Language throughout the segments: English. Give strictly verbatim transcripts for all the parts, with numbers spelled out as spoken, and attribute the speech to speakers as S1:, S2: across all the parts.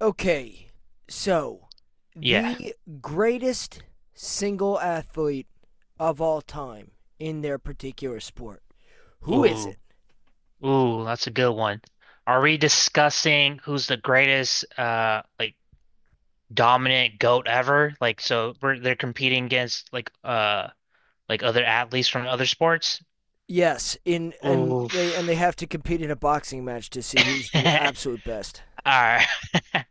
S1: Okay, so
S2: Yeah.
S1: the greatest single athlete of all time in their particular sport. Who is
S2: Ooh,
S1: it?
S2: ooh, that's a good one. Are we discussing who's the greatest, uh, like dominant goat ever? Like, so we're they're competing against like, uh, like other athletes from other sports.
S1: Yes, in and
S2: Oof.
S1: they and they have to compete in a boxing match to see who's the
S2: All
S1: absolute best.
S2: right, all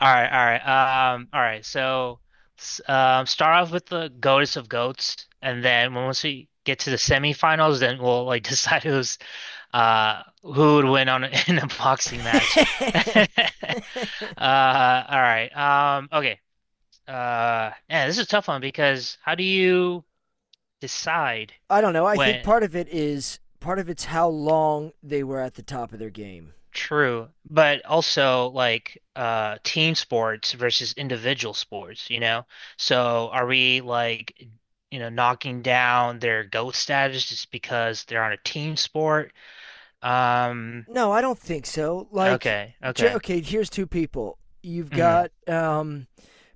S2: right, all right. Um, all right. So, s- um, start off with the goatess of goats, and then when- once we get to the semifinals, then we'll like decide who's Uh, who would win on in a boxing match? Uh, all right. Um, okay. Uh, yeah, this is a tough one because how do you decide
S1: I don't know. I think
S2: when
S1: part of it is part of it's how long they were at the top of their game.
S2: true, but also like uh team sports versus individual sports, you know? So are we like you know knocking down their GOAT status just because they're on a team sport? Um,
S1: No, I don't think so. Like,
S2: okay,
S1: j-
S2: okay.
S1: okay, here's two people. You've
S2: Mhm.
S1: got um,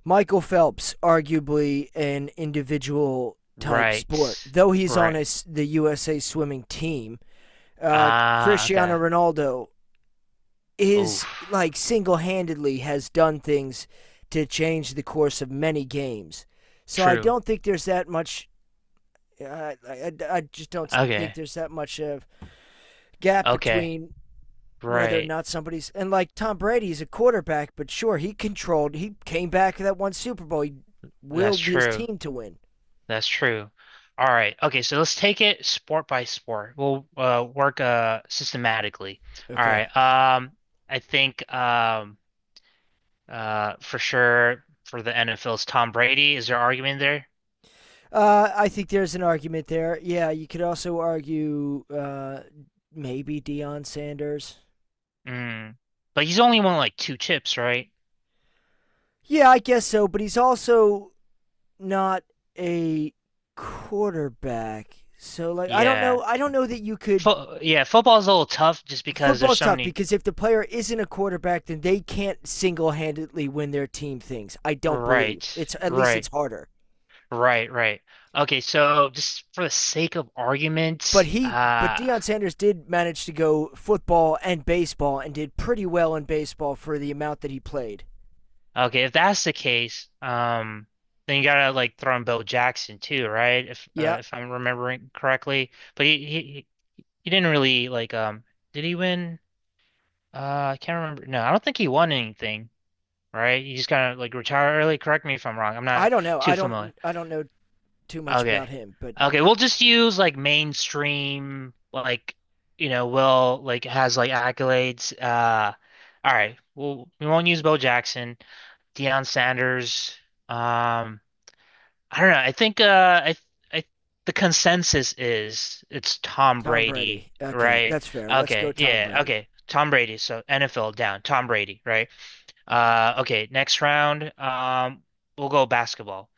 S1: Michael Phelps, arguably an individual type sport,
S2: Right.
S1: though he's on
S2: Right.
S1: his, the U S A swimming team. Uh,
S2: Ah,
S1: Cristiano
S2: okay.
S1: Ronaldo is
S2: Oof.
S1: like single handedly has done things to change the course of many games. So I
S2: True.
S1: don't think there's that much. Uh, I, I, I just don't think
S2: Okay.
S1: there's that much of gap
S2: Okay.
S1: between whether or
S2: Right.
S1: not somebody's and like Tom Brady's a quarterback, but sure he controlled. He came back that one Super Bowl. He
S2: That's
S1: willed his
S2: true.
S1: team to win.
S2: That's true. All right. Okay, so let's take it sport by sport. We'll uh, work uh systematically. All
S1: Okay.
S2: right. Um, I think um uh for sure for the NFL's Tom Brady, is there argument there?
S1: Uh, I think there's an argument there. Yeah, you could also argue uh, maybe Deion Sanders.
S2: Mm. But he's only won like two chips, right?
S1: Yeah, I guess so, but he's also not a quarterback. So like I don't
S2: Yeah.
S1: know I don't know that you could
S2: Fo yeah, football's a little tough just because there's
S1: football's
S2: so
S1: tough
S2: many.
S1: because if the player isn't a quarterback, then they can't single-handedly win their team things. I don't believe
S2: Right.
S1: it's at least it's
S2: Right.
S1: harder.
S2: Right, right. Okay, so just for the sake of
S1: But
S2: argument,
S1: he, but
S2: uh
S1: Deion Sanders did manage to go football and baseball and did pretty well in baseball for the amount that he played.
S2: okay, if that's the case, um then you gotta like throw in Bill Jackson too, right? If
S1: Yeah,
S2: uh, if I'm remembering correctly. But he, he he didn't really like um did he win? Uh I can't remember. No, I don't think he won anything, right? He just kind of like retired early. Correct me if I'm wrong. I'm
S1: I
S2: not
S1: don't know. I
S2: too
S1: don't.
S2: familiar.
S1: I don't know too much
S2: Okay.
S1: about him, but
S2: Okay, we'll just use like mainstream like you know, Will like has like accolades. Uh all right. Well, we won't use Bo Jackson, Deion Sanders. Um I don't know. I think uh I I the consensus is it's Tom
S1: Tom
S2: Brady,
S1: Brady. Okay,
S2: right?
S1: that's fair. Let's go
S2: Okay.
S1: Tom
S2: Yeah,
S1: Brady.
S2: okay. Tom Brady. So N F L down. Tom Brady, right? Uh okay, next round. Um we'll go basketball.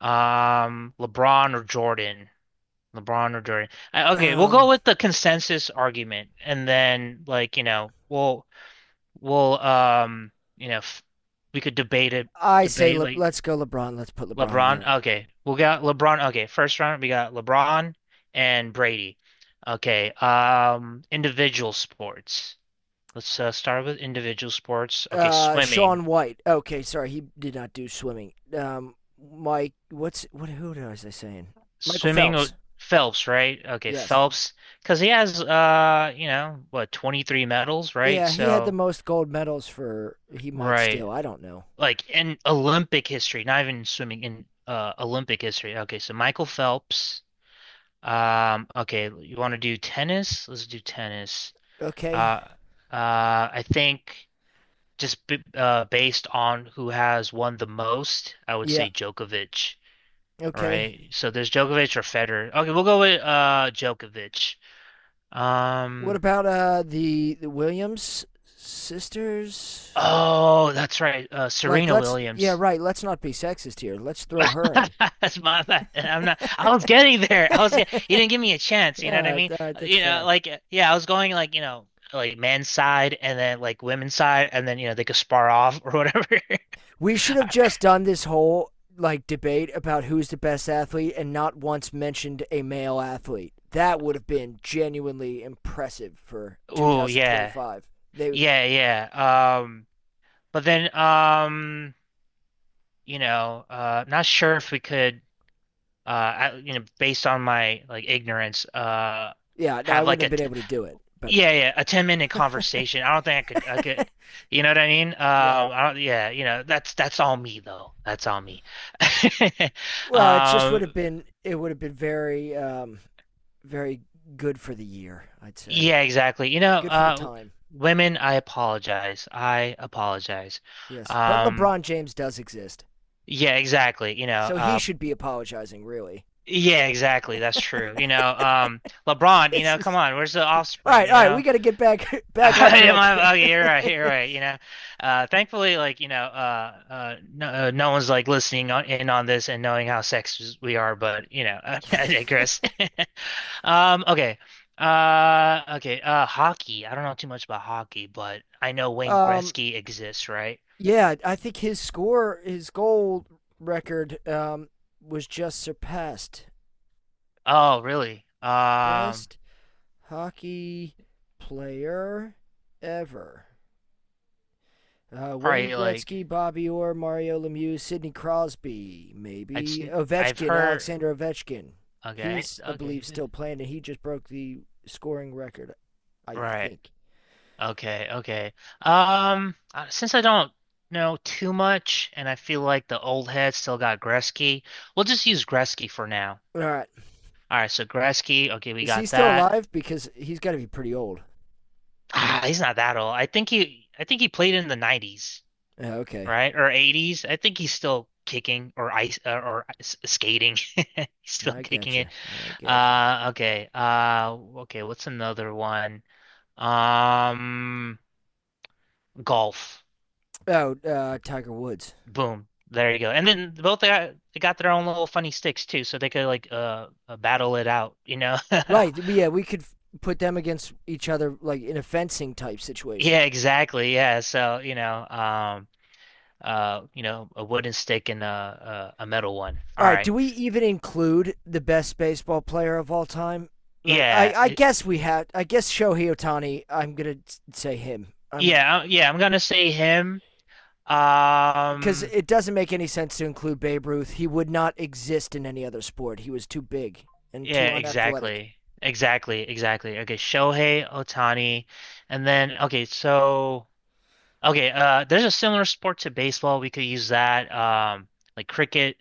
S2: Um, LeBron or Jordan? LeBron or Durant. I, okay, we'll go
S1: Um,
S2: with the consensus argument, and then like you know we'll we'll um you know f we could debate it,
S1: I say
S2: debate
S1: Le-
S2: like
S1: let's go LeBron. Let's put LeBron in
S2: LeBron.
S1: there.
S2: Okay, we'll got LeBron. Okay, first round we got LeBron and Brady. Okay, um, individual sports. Let's uh, start with individual sports. Okay,
S1: Uh,
S2: swimming.
S1: Sean White. Okay, sorry, he did not do swimming. Um, Mike, what's what? Who was I saying? Michael
S2: Swimming, uh,
S1: Phelps.
S2: Phelps, right? Okay,
S1: Yes.
S2: Phelps, because he has uh you know what, twenty-three medals, right?
S1: Yeah, he had the
S2: So.
S1: most gold medals for. He might still.
S2: Right.
S1: I don't know.
S2: Like in Olympic history, not even swimming in uh Olympic history. Okay, so Michael Phelps. Um, okay, you want to do tennis? Let's do tennis.
S1: Okay.
S2: Uh, uh, I think just b uh based on who has won the most, I would
S1: Yeah.
S2: say Djokovic. All
S1: Okay.
S2: right, so there's Djokovic or Federer. Okay, we'll go with uh Djokovic.
S1: What
S2: Um,
S1: about uh the the Williams sisters?
S2: oh, that's right. Uh,
S1: Like,
S2: Serena
S1: let's yeah,
S2: Williams.
S1: right. Let's not be sexist here. Let's throw her in.
S2: That's my bad. I'm not. I was getting there. I was get.
S1: all
S2: You didn't give me a chance.
S1: right,
S2: You know what I mean?
S1: all right,
S2: Uh,
S1: that's
S2: You know,
S1: fair.
S2: like uh, yeah, I was going like you know like men's side and then like women's side and then you know they could spar off or whatever.
S1: We should have just done this whole like debate about who's the best athlete and not once mentioned a male athlete. That would have been genuinely impressive for
S2: Oh yeah,
S1: twenty twenty-five. They would,
S2: yeah, yeah. Um, but then um, you know, uh, not sure if we could uh, I, you know, based on my like ignorance, uh,
S1: yeah, no, I
S2: have
S1: wouldn't
S2: like
S1: have
S2: a
S1: been able to do it, but
S2: Yeah, yeah, a ten minute conversation. I don't think I could, I could, you know what I mean?
S1: yeah.
S2: Uh, I don't, yeah, you know, that's, that's all me though. That's all me.
S1: Well, it just would have
S2: Um,
S1: been it would have been very um very good for the year, I'd say.
S2: yeah, exactly. You know,
S1: Good for the
S2: uh,
S1: time.
S2: women, I apologize. I apologize.
S1: Yes, but
S2: Um,
S1: LeBron James does exist.
S2: yeah, exactly. You know,
S1: So he
S2: uh,
S1: should be apologizing, really.
S2: yeah, exactly. That's true. You know, um, LeBron, you
S1: It's
S2: know, come
S1: just
S2: on, where's the
S1: All
S2: offspring,
S1: right,
S2: you
S1: all right, we
S2: know?
S1: got to get back back on
S2: I am,
S1: track here.
S2: I'm, okay, you're right, you're right. You know, uh, thankfully, like you know, uh, uh, no, uh, no one's like listening on, in on this and knowing how sexist we are. But you know, I digress. Um, okay, uh, okay, uh, hockey. I don't know too much about hockey, but I know Wayne
S1: um,
S2: Gretzky exists, right?
S1: yeah, I think his score, his goal record, um, was just surpassed.
S2: Oh, really? Um,
S1: Best hockey player ever. Uh, Wayne
S2: probably like
S1: Gretzky, Bobby Orr, Mario Lemieux, Sidney Crosby,
S2: I just
S1: maybe
S2: I've
S1: Ovechkin,
S2: heard.
S1: Alexander Ovechkin.
S2: Okay,
S1: He's, I
S2: okay,
S1: believe,
S2: th-
S1: still playing, and he just broke the scoring record, I
S2: right.
S1: think.
S2: Okay, okay. Um, uh, since I don't know too much, and I feel like the old head still got Gretzky, we'll just use Gretzky for now.
S1: All right,
S2: All right, so Gretzky. Okay, we
S1: is he
S2: got
S1: still
S2: that.
S1: alive? Because he's got to be pretty old.
S2: Ah, he's not that old. I think he, I think he played in the nineties,
S1: Uh, okay,
S2: right, or eighties. I think he's still kicking or ice uh, or s- skating. He's still
S1: I
S2: kicking it.
S1: gotcha. I gotcha.
S2: Uh, okay. Uh, okay. What's another one? Um, golf.
S1: Oh, uh, Tiger Woods.
S2: Boom. There you go. And then both they got, they got their own little funny sticks too, so they could like uh uh, battle it out, you know.
S1: Right. We, yeah, we could put them against each other, like in a fencing type
S2: Yeah,
S1: situation.
S2: exactly. Yeah. So, you know, um uh you know, a wooden stick and a a, a metal one. All
S1: All right.
S2: right.
S1: Do we even include the best baseball player of all time? Like, I,
S2: Yeah.
S1: I
S2: I,
S1: guess we have. I guess Shohei Otani. I'm gonna say him. I'm
S2: yeah, I- yeah, I'm gonna say him.
S1: because
S2: Um
S1: it doesn't make any sense to include Babe Ruth. He would not exist in any other sport. He was too big and
S2: yeah,
S1: too unathletic.
S2: exactly. Exactly, exactly. Okay, Shohei Otani. And then okay, so Okay, uh, there's a similar sport to baseball. We could use that, um, like cricket.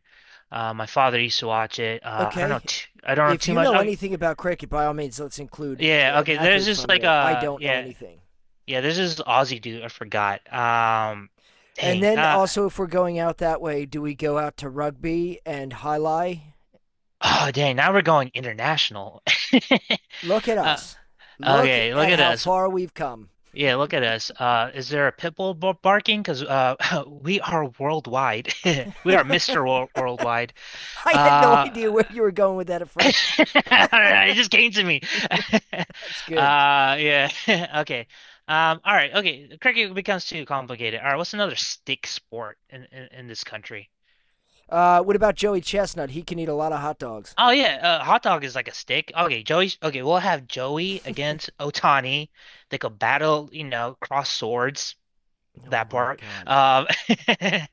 S2: Uh, my father used to watch it. Uh, I don't know,
S1: Okay.
S2: t I don't know
S1: If
S2: too
S1: you
S2: much.
S1: know
S2: Okay,
S1: anything about cricket, by all means, let's include
S2: yeah,
S1: an
S2: okay. There's
S1: athlete
S2: just
S1: from
S2: like
S1: there. I
S2: uh,
S1: don't know
S2: yeah,
S1: anything.
S2: yeah. There's this Aussie dude. I forgot. Um,
S1: And
S2: dang.
S1: then
S2: Uh,
S1: also, if we're going out that way, do we go out to rugby and highlight?
S2: oh, dang. Now we're going international.
S1: Look at
S2: Uh,
S1: us. Look
S2: okay. Look
S1: at
S2: at
S1: how
S2: us.
S1: far we've come.
S2: Yeah, look at us. Uh, is there a pit bull bar- barking? Because uh, we are worldwide. We are Mister Wor- Worldwide.
S1: I had no
S2: Uh,
S1: idea where you were going with that at first.
S2: I don't know, it just came to me.
S1: That's good.
S2: Uh, yeah. Okay. Um, all right. Okay. Cricket becomes too complicated. All right. What's another stick sport in, in, in this country?
S1: Uh, what about Joey Chestnut? He can eat a lot of hot dogs.
S2: Oh yeah, uh, hot dog is like a stick. Okay, Joey. Okay, we'll have Joey against Otani. They could battle, you know, cross swords.
S1: Oh
S2: That
S1: my
S2: part.
S1: God.
S2: Um,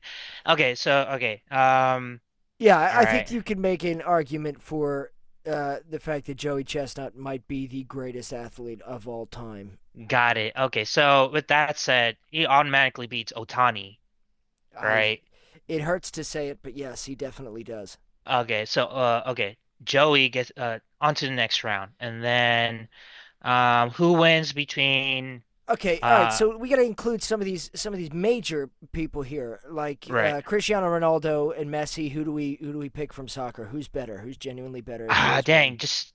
S2: okay, so okay. Um,
S1: Yeah,
S2: all
S1: I- think
S2: right,
S1: you can make an argument for uh, the fact that Joey Chestnut might be the greatest athlete of all time.
S2: got it. Okay, so with that said, he automatically beats Otani,
S1: I
S2: right?
S1: it hurts to say it, but yes, he definitely does.
S2: Okay, so uh okay. Joey gets uh on to the next round and then um who wins between
S1: Okay, all right.
S2: uh
S1: So we got to include some of these some of these major people here, like
S2: right.
S1: uh, Cristiano Ronaldo and Messi. Who do we who do we pick from soccer? Who's better? Who's genuinely better? If there
S2: Ah
S1: is one,
S2: dang, just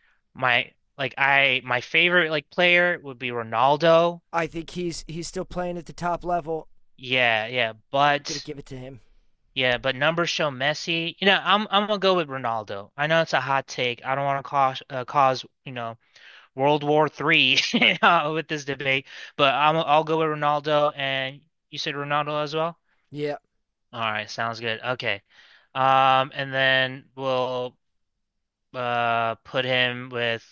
S2: my like I my favorite like player would be Ronaldo.
S1: I think he's he's still playing at the top level.
S2: Yeah, yeah,
S1: I'm gonna
S2: but
S1: give it to him.
S2: yeah, but numbers show Messi. You know, I'm I'm gonna go with Ronaldo. I know it's a hot take. I don't want to cause uh, cause, you know, World War Three with this debate, but I'm I'll go with Ronaldo, and you said Ronaldo as well?
S1: Yeah,
S2: All right, sounds good. Okay. Um, and then we'll uh put him with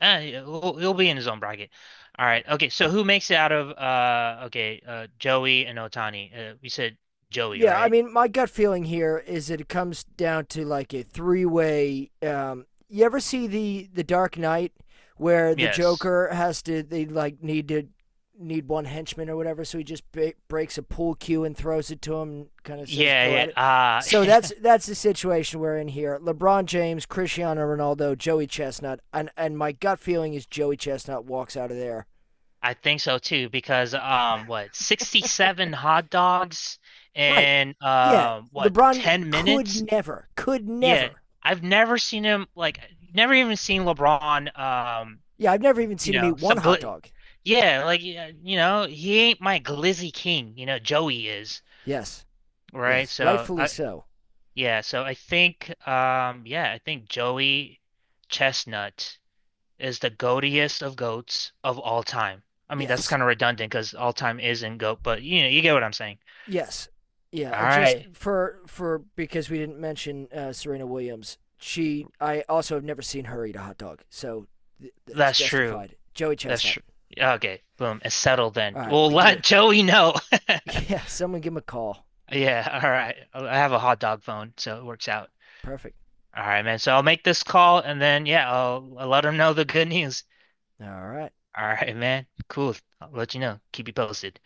S2: eh, he'll, he'll be in his own bracket. All right. Okay, so who makes it out of uh okay, uh Joey and Otani. Uh, we said Joey,
S1: yeah, I
S2: right?
S1: mean, my gut feeling here is that it comes down to like a three-way. Um, you ever see the the Dark Knight where the
S2: Yes.
S1: Joker has to they like need to need one henchman or whatever, so he just ba- breaks a pool cue and throws it to him, and kind of says, "Go
S2: Yeah,
S1: at it."
S2: yeah.
S1: So
S2: Uh
S1: that's that's the situation we're in here. LeBron James, Cristiano Ronaldo, Joey Chestnut, and and my gut feeling is Joey Chestnut walks out of there.
S2: I think so too because um what, sixty-seven hot dogs
S1: Right.
S2: in
S1: Yeah,
S2: uh what,
S1: LeBron
S2: ten
S1: could
S2: minutes?
S1: never, could
S2: Yeah.
S1: never
S2: I've never seen him like never even seen LeBron um
S1: Yeah, I've never even
S2: you
S1: seen him eat
S2: know,
S1: one
S2: some
S1: hot
S2: gl
S1: dog.
S2: yeah, like yeah, you know, he ain't my glizzy king, you know, Joey is,
S1: Yes,
S2: right?
S1: yes,
S2: So
S1: rightfully
S2: I
S1: so.
S2: yeah, so I think um yeah, I think Joey Chestnut is the goatiest of goats of all time. I mean, that's
S1: Yes,
S2: kind of redundant because all time is in goat, but you know, you get what I'm saying.
S1: yes, yeah.
S2: All
S1: And just
S2: right,
S1: for for because we didn't mention uh, Serena Williams, she I also have never seen her eat a hot dog, so th- that's
S2: that's true.
S1: justified. Joey
S2: That's
S1: Chestnut.
S2: true. Okay, boom, it's settled then.
S1: All right,
S2: We'll
S1: we did
S2: let
S1: it.
S2: Joey know.
S1: Yeah, someone give him a call.
S2: Yeah, all right. I have a hot dog phone, so it works out.
S1: Perfect.
S2: All right, man. So I'll make this call and then, yeah, I'll, I'll let them know the good news.
S1: All right.
S2: All right, man. Cool. I'll let you know. Keep you posted.